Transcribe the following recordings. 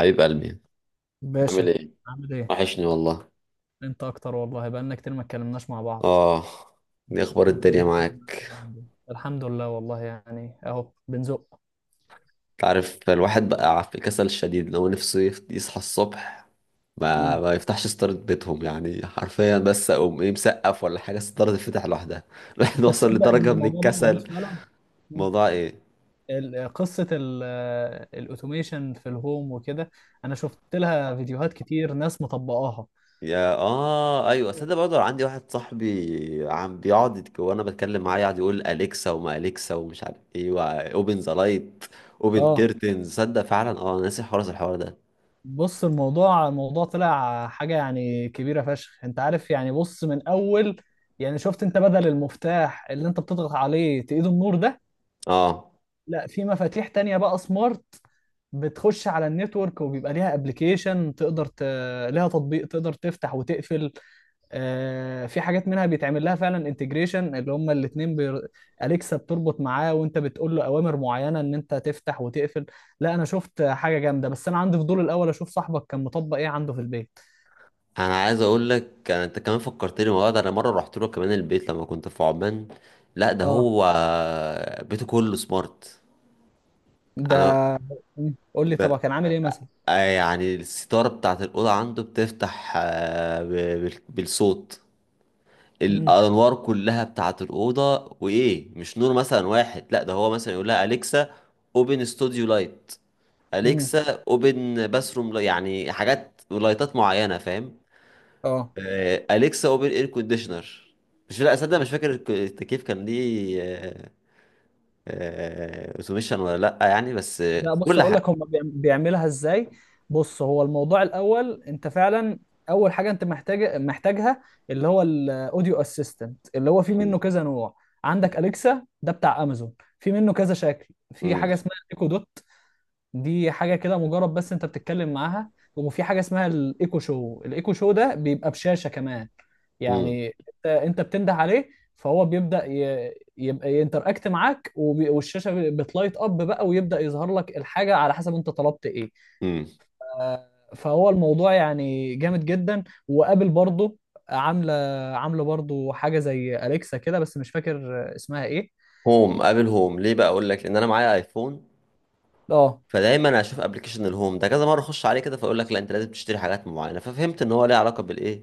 حبيب قلبي، عامل باشا. ايه؟ عامل ايه. وحشني والله. انت اكتر والله، بقالنا كتير ما اتكلمناش مع بعض. اه، دي اخبار انت ايه الدنيا الدنيا معاك معاك؟ اليومين دول؟ الحمد لله والله، يعني اهو بنزق. تعرف الواحد بقى في كسل شديد، لو نفسه يصحى الصبح ما, مم. ما يفتحش ستارة بيتهم، يعني حرفيا، بس اقوم ايه مسقف ولا حاجة الستارة تتفتح لوحدها الواحد انت وصل تصدق ان لدرجة من الموضوع ده موجود الكسل. فعلا. مم. موضوع ايه؟ قصة الاوتوميشن في الهوم وكده. انا شفت لها فيديوهات كتير ناس مطبقاها. يا اه ايوه، صدق، برضه عندي واحد صاحبي عم بيقعد وانا بتكلم معاه يقعد يقول اليكسا وما اليكسا ومش عارف ايه. اوبن ذا لايت، اوبن اه. كيرتنز. صدق فعلا، اه، أنا ناسي الحوار ده. بص، الموضوع طلع حاجة يعني كبيرة فشخ، انت عارف يعني. بص، من اول يعني، شفت انت بدل المفتاح اللي انت بتضغط عليه تقيد النور ده؟ اه، لا، في مفاتيح تانية بقى سمارت، بتخش على النتورك وبيبقى ليها ابلكيشن ليها تطبيق تقدر تفتح وتقفل. في حاجات منها بيتعمل لها فعلا انتجريشن، اللي هما الاتنين اليكسا بتربط معاه، وانت بتقول له اوامر معينة ان انت تفتح وتقفل. لا انا شفت حاجة جامدة، بس انا عندي فضول الاول اشوف صاحبك كان مطبق ايه عنده في البيت. انا عايز اقول لك، انت كمان فكرتني والله. ده انا مره رحت له كمان البيت لما كنت في عمان. لا، ده اه. هو بيته كله سمارت. ده. انا قول لي ب... طبعا كان عامل ايه مثلا. يعني الستاره بتاعت الاوضه عنده بتفتح، بالصوت امم. الانوار كلها بتاعت الاوضه، وايه مش نور مثلا واحد، لا ده هو مثلا يقول لها اليكسا اوبن ستوديو لايت، امم. اليكسا اوبن باثروم، يعني حاجات ولايتات معينه، فاهم؟ اه. اليكسا اوبن اير كونديشنر. مش لا اصدق، مش فاكر التكييف كان ليه، اوتوميشن ولا لا يعني، بس لا بص كل اقول لك حاجه. هم بيعملها ازاي. بص، هو الموضوع الاول انت فعلا، اول حاجه انت محتاجها، اللي هو الاوديو اسيستنت، اللي هو في منه مم. كذا نوع. عندك اليكسا ده بتاع امازون، في منه كذا شكل، في مم. حاجه اسمها ايكو دوت، دي حاجه كده مجرد بس انت بتتكلم معاها، وفي حاجه اسمها الايكو شو، الايكو شو ده بيبقى بشاشه كمان مم. يعني. انت بتنده عليه، فهو يبقى ينتراكت معاك، وب... والشاشه بتلايت اب بقى، ويبدا يظهر لك الحاجه على حسب انت طلبت ايه. مم. آه، فهو الموضوع يعني جامد جدا، وقابل برضه، عامله، عامله برضه حاجه زي اليكسا كده، بس مش فاكر اسمها ايه. هوم، ابل هوم. ليه بقى اقول لك؟ لان انا معايا ايفون، اه. فدايما اشوف ابلكيشن الهوم ده كذا مره، اخش عليه كده، فاقول لك لا انت لازم تشتري حاجات معينه، ففهمت ان هو ليه علاقه بالايه،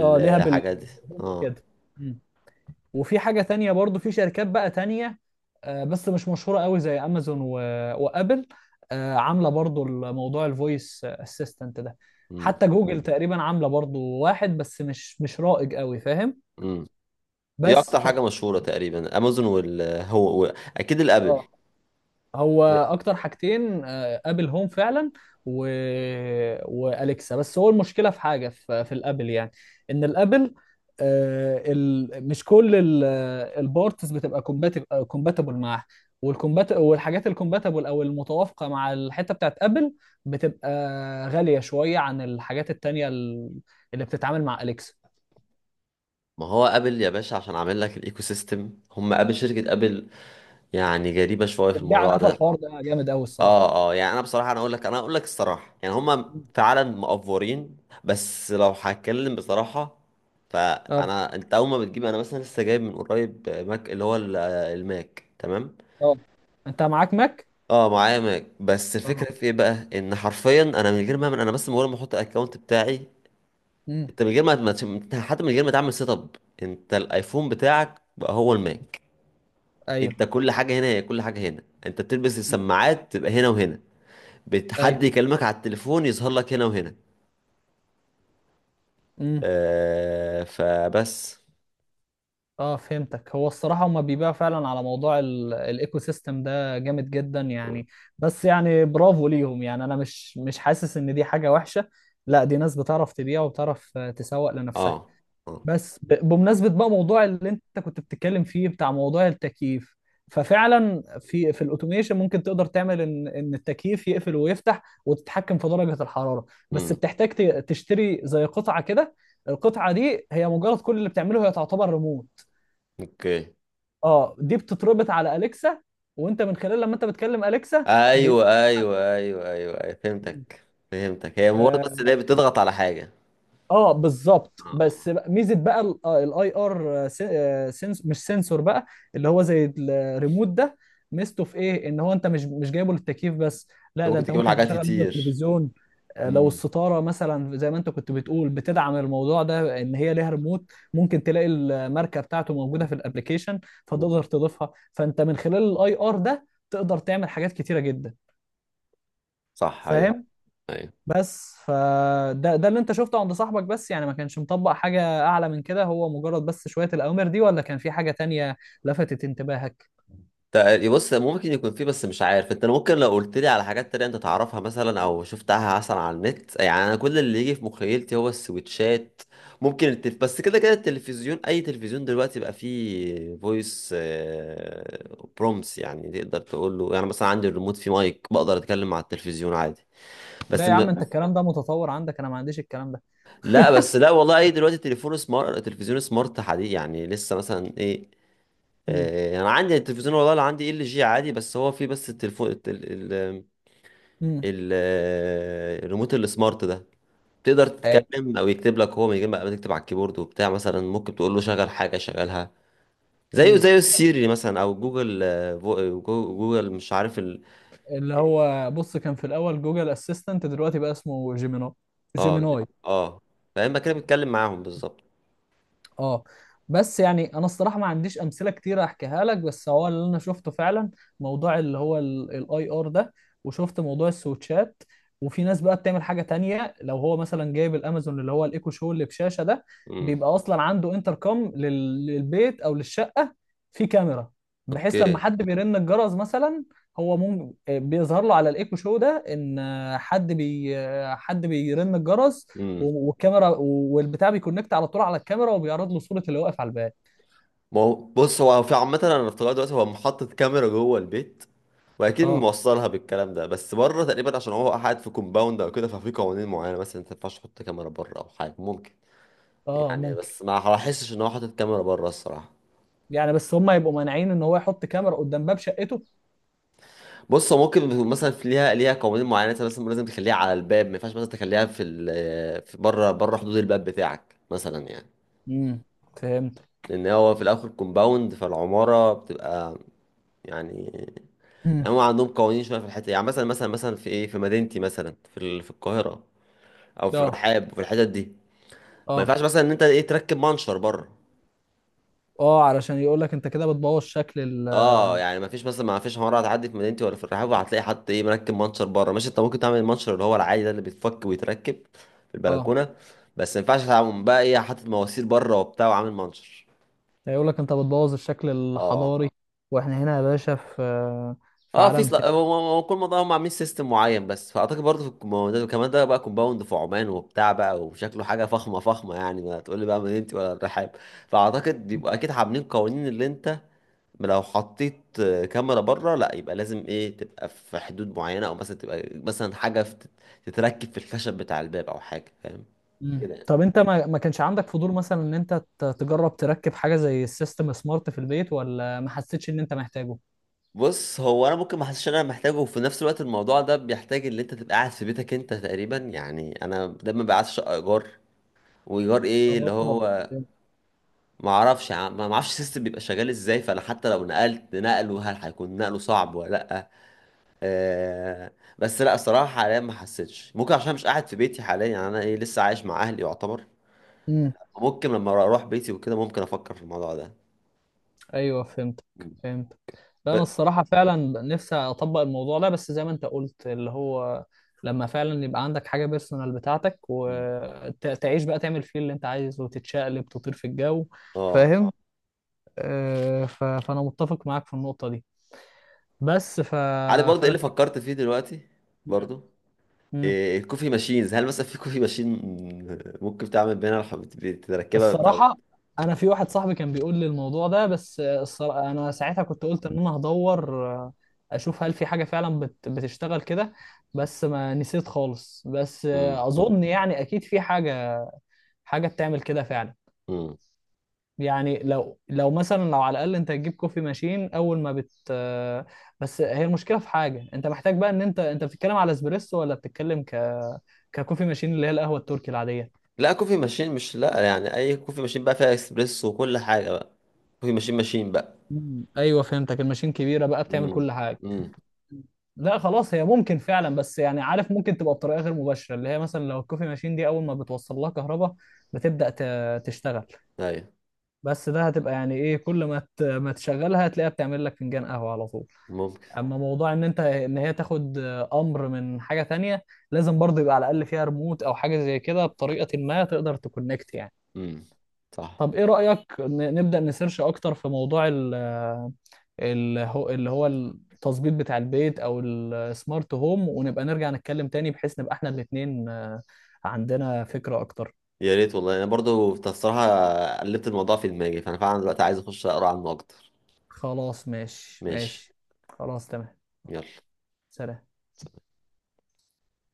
اه ليها دي. بالهوم اه. وكده. وفي حاجة تانية برضو، في شركات بقى تانية، بس مش مشهورة قوي زي أمازون وأبل، عاملة برضو الموضوع الفويس اسيستنت ده. مم. حتى جوجل تقريبا عاملة برضو واحد، بس مش رائج قوي، فاهم؟ مم. ايه بس اكتر ف حاجه مشهوره؟ تقريبا امازون والهو، اكيد الابل. اه، هو اكتر حاجتين ابل هوم فعلا و واليكسا بس هو المشكله في حاجه في الابل يعني، ان الابل مش كل البارتس بتبقى كومباتبل معاها. والكومبات والحاجات الكومباتبل او المتوافقه مع الحته بتاعت ابل بتبقى غاليه شويه عن الحاجات التانيه اللي بتتعامل مع اليكسا. ما هو ابل يا باشا، عشان عامل لك الايكو سيستم، هم ابل شركه ابل، يعني جريبه شويه في بتبيع على الموضوع قفا، ده. الحوار ده جامد قوي الصراحه. اه، اه، يعني انا بصراحه، انا اقول لك الصراحه، يعني هم فعلا مقفورين، بس لو هتكلم بصراحه. اه. فانا انت اول ما بتجيب، انا مثلا لسه جايب من قريب ماك، اللي هو الماك، تمام؟ اه، انت معاك ماك؟ اه معايا ماك، بس اه. الفكره في ايه بقى؟ ان حرفيا انا من غير ما اعمل، انا بس مجرد ما احط الاكونت بتاعي، امم. انت من غير ما حتى من غير ما تعمل سيت اب، انت الايفون بتاعك بقى هو الماك. ايوه، انت كل حاجه هنا، هي كل حاجه هنا، انت بتلبس السماعات تبقى هنا وهنا، ايوه. حد يكلمك على التليفون يظهر لك هنا وهنا. امم. فبس. اه فهمتك. هو الصراحه هما بيبيعوا فعلا على موضوع الايكو سيستم ده جامد جدا يعني. بس يعني برافو ليهم، يعني انا مش حاسس ان دي حاجه وحشه، لا دي ناس بتعرف تبيع وبتعرف تسوق لنفسها. اه، اه، بس بمناسبة بقى موضوع اللي انت كنت بتتكلم فيه بتاع موضوع التكييف، ففعلا في الاوتوميشن ممكن تقدر تعمل ان التكييف يقفل ويفتح، وتتحكم في درجة الحرارة. بس امم، تشتري زي قطعة كده، القطعة دي هي مجرد كل اللي بتعمله هي تعتبر ريموت. اوكي، اه، دي بتتربط على اليكسا، وانت من خلال لما انت بتكلم اليكسا ايوه ايوه ايوه ايوه ايوه، فهمتك فهمتك، هي مجرد بس ان هي آه، بتضغط على حاجه. اه بالظبط. اه، بس بقى، ميزه بقى الاي ار، سنس، مش سنسور بقى، اللي هو زي الريموت ده، ميزته في ايه؟ ان هو انت مش جايبه للتكييف بس، انت لا ده ممكن انت تجيب لها ممكن حاجات تشغل منه كتير. التلفزيون. لو امم، الستاره مثلا زي ما انت كنت بتقول بتدعم الموضوع ده، ان هي ليها ريموت، ممكن تلاقي الماركه بتاعته موجوده في الابليكيشن، فتقدر تضيفها، فانت من خلال الاي ار ده تقدر تعمل حاجات كتيره جدا، صح، ايوه، فاهم؟ ايوه. بس فده ده اللي انت شفته عند صاحبك؟ بس يعني ما كانش مطبق حاجة اعلى من كده؟ هو مجرد بس شوية الاوامر دي، ولا كان في حاجة تانية لفتت انتباهك؟ بص، ممكن يكون فيه، بس مش عارف، انت ممكن لو قلت لي على حاجات تانية انت تعرفها مثلا، او شفتها مثلا على النت. يعني انا كل اللي يجي في مخيلتي هو السويتشات. ممكن بس كده كده التلفزيون، اي تلفزيون دلوقتي بقى فيه فويس برومس، يعني تقدر تقول له يعني، مثلا عندي الريموت فيه مايك، بقدر اتكلم مع التلفزيون عادي. ده بس يا عم انت م... الكلام ده متطور عندك، انا ما عنديش الكلام ده. لا بس لا والله، اي دلوقتي تليفون سمارت، تلفزيون سمارت حديث، يعني لسه مثلا ايه. امم. آه، انا عندي التلفزيون والله اللي عندي LG عادي، بس هو فيه بس التليفون امم. ال- الريموت السمارت ده، تقدر أيوة. تتكلم او يكتب لك، هو من غير ما تكتب على الكيبورد وبتاع، مثلا ممكن تقول له شغل حاجه شغلها، زيه امم. زي السيري مثلا، او جوجل آه، فو- جو- جوجل، مش عارف ال. اللي هو بص، كان في الاول جوجل اسيستنت، دلوقتي بقى اسمه جيميناي، اه، جيميناي. اه، فاما كده بتتكلم معاهم بالظبط. اه. بس يعني انا الصراحه ما عنديش امثله كتير احكيها لك، بس هو اللي انا شفته فعلا موضوع اللي هو الاي ار ده، وشفت موضوع السويتشات. وفي ناس بقى بتعمل حاجه تانية، لو هو مثلا جايب الامازون اللي هو الايكو شو اللي بشاشه ده، امم، بيبقى اصلا عنده انتركم للبيت او للشقه، في كاميرا، بحيث لما اوكي، حد بيرن الجرس مثلا، هو ممكن بيظهر له على الايكو شو ده ان حد بي حد بيرن الجرس، امم. و والكاميرا والبتاع بيكونكت على طول على الكاميرا، وبيعرض له صورة اللي واقف على الباب. ما هو بص، هو في عامه انا افتكرت دلوقتي، هو محطة كاميرا جوه البيت، واكيد اه. موصلها بالكلام ده، بس بره تقريبا، عشان هو قاعد في كومباوند او كده، ففي قوانين معينه مثلا، ما ينفعش تحط كاميرا بره، او حاجه ممكن. اه يعني ممكن. بس ما هحسش ان هو حاطط كاميرا بره الصراحه. يعني بس هم يبقوا مانعين ان هو يحط كاميرا قدام باب شقته؟ بص هو ممكن يكون مثلا في ليها قوانين معينه، مثلا لازم لازم تخليها على الباب، ما ينفعش مثلا تخليها في في بره، بره حدود الباب بتاعك مثلا، يعني امم. فهمت. لان هو في الاخر كومباوند، فالعماره بتبقى يعني، امم. هم عندهم قوانين شويه في الحته دي. يعني مثلا في ايه؟ في مدينتي مثلا، في في القاهره، او في اه. الرحاب وفي الحتت دي، ما اه. ينفعش مثلا ان انت ايه تركب منشر بره. اه، علشان يقول لك انت كده بتبوظ شكل ال... اه، يعني ما فيش حوار هتعدي في مدينتي ولا في الرحاب هتلاقي حد ايه مركب منشر بره. ماشي، انت ممكن تعمل المنشر اللي هو العادي ده اللي بيتفك ويتركب في اه، البلكونه، بس ما ينفعش تعمل بقى ايه حاطط مواسير بره وبتاع وعامل منشر. هيقول لك انت بتبوظ الشكل اه، الحضاري. واحنا هنا يا باشا في، في اه، عالم تاني. هو كل منطقه هم عاملين سيستم معين، بس فاعتقد برضه في الكومباوندات، وكمان ده بقى كومباوند في عمان وبتاع بقى، وشكله حاجه فخمه فخمه، يعني ما تقول لي بقى مدينتي ولا الرحاب. فاعتقد بيبقى اكيد عاملين قوانين، اللي انت لو حطيت كاميرا بره، لا يبقى لازم ايه تبقى في حدود معينة، او مثلا تبقى مثلا حاجة تتركب في الخشب بتاع الباب، او حاجة، فاهم كده يعني؟ طب انت ما كانش عندك فضول مثلا ان انت تجرب تركب حاجة زي السيستم سمارت في البيت، ولا ما حسيتش ان انت محتاجه؟ بص هو انا ممكن ما حسش ان انا محتاجه، وفي نفس الوقت الموضوع ده بيحتاج ان انت تبقى قاعد في بيتك انت تقريبا، يعني انا دايما بقى قاعد في شقه ايجار. وايجار ايه اللي اه. هو، ما اعرفش، ما اعرفش السيستم بيبقى شغال ازاي، فانا حتى لو نقلت نقله، هل هيكون نقله صعب ولا لا؟ آه، بس لا، الصراحة حاليا ما حسيتش، ممكن عشان مش قاعد في بيتي حاليا، يعني انا ايه، لسه عايش مع اهلي يعتبر. امم. ممكن لما اروح بيتي وكده ممكن افكر في الموضوع ده. ايوه فهمتك، مم. فهمتك. لا انا ب... الصراحه فعلا نفسي اطبق الموضوع ده، بس زي ما انت قلت اللي هو، لما فعلا يبقى عندك حاجه بيرسونال بتاعتك، مم. وتعيش بقى تعمل فيه اللي انت عايزه، وتتشقلب تطير في الجو، اه. فاهم؟ فانا متفق معاك في النقطه دي. بس ف... عارف برضه ايه فانا اللي شايف، فكرت فيه دلوقتي برضه؟ مم. إيه الكوفي ماشينز؟ هل مثلا في كوفي ماشين ممكن تعمل بينا تركبها، او. الصراحة أنا في واحد صاحبي كان بيقول لي الموضوع ده، بس الصراحة أنا ساعتها كنت قلت إن أنا هدور أشوف هل في حاجة فعلا بتشتغل كده، بس ما نسيت خالص. بس مم. أظن يعني أكيد في حاجة، حاجة بتعمل كده فعلا. مم. يعني لو مثلا لو على الأقل أنت تجيب كوفي ماشين، أول ما بت آه، بس هي المشكلة في حاجة أنت محتاج بقى، إن أنت بتتكلم على اسبريسو، ولا بتتكلم ككوفي ماشين اللي هي القهوة التركي العادية. لا، كوفي ماشين، مش لا يعني اي كوفي ماشين بقى فيها اكسبريس وكل حاجة بقى، كوفي ماشين بقى. أيوه فهمتك، الماشين كبيرة بقى بتعمل مم. كل حاجة. مم. لا خلاص، هي ممكن فعلا، بس يعني عارف ممكن تبقى بطريقه غير مباشره، اللي هي مثلا لو الكوفي ماشين دي اول ما بتوصل لها كهرباء تشتغل. ايوه، بس ده هتبقى يعني ايه، كل ما ما تشغلها هتلاقيها بتعمل لك فنجان قهوه على طول. ممكن. اما موضوع ان ان هي تاخد امر من حاجه تانية، لازم برضه يبقى على الاقل فيها ريموت او حاجه زي كده بطريقه ما، تقدر تكونكت يعني. مم. صح. طب ايه رايك نبدا نسيرش اكتر في موضوع اللي هو التظبيط بتاع البيت او السمارت هوم، ونبقى نرجع نتكلم تاني بحيث نبقى احنا الاتنين عندنا فكرة اكتر؟ يا ريت والله، انا برضو الصراحه قلبت الموضوع في دماغي، فانا فعلا دلوقتي عايز اخش اقرا عنه اكتر. خلاص، ماشي ماشي. ماشي. خلاص، تمام. يلا. سلام.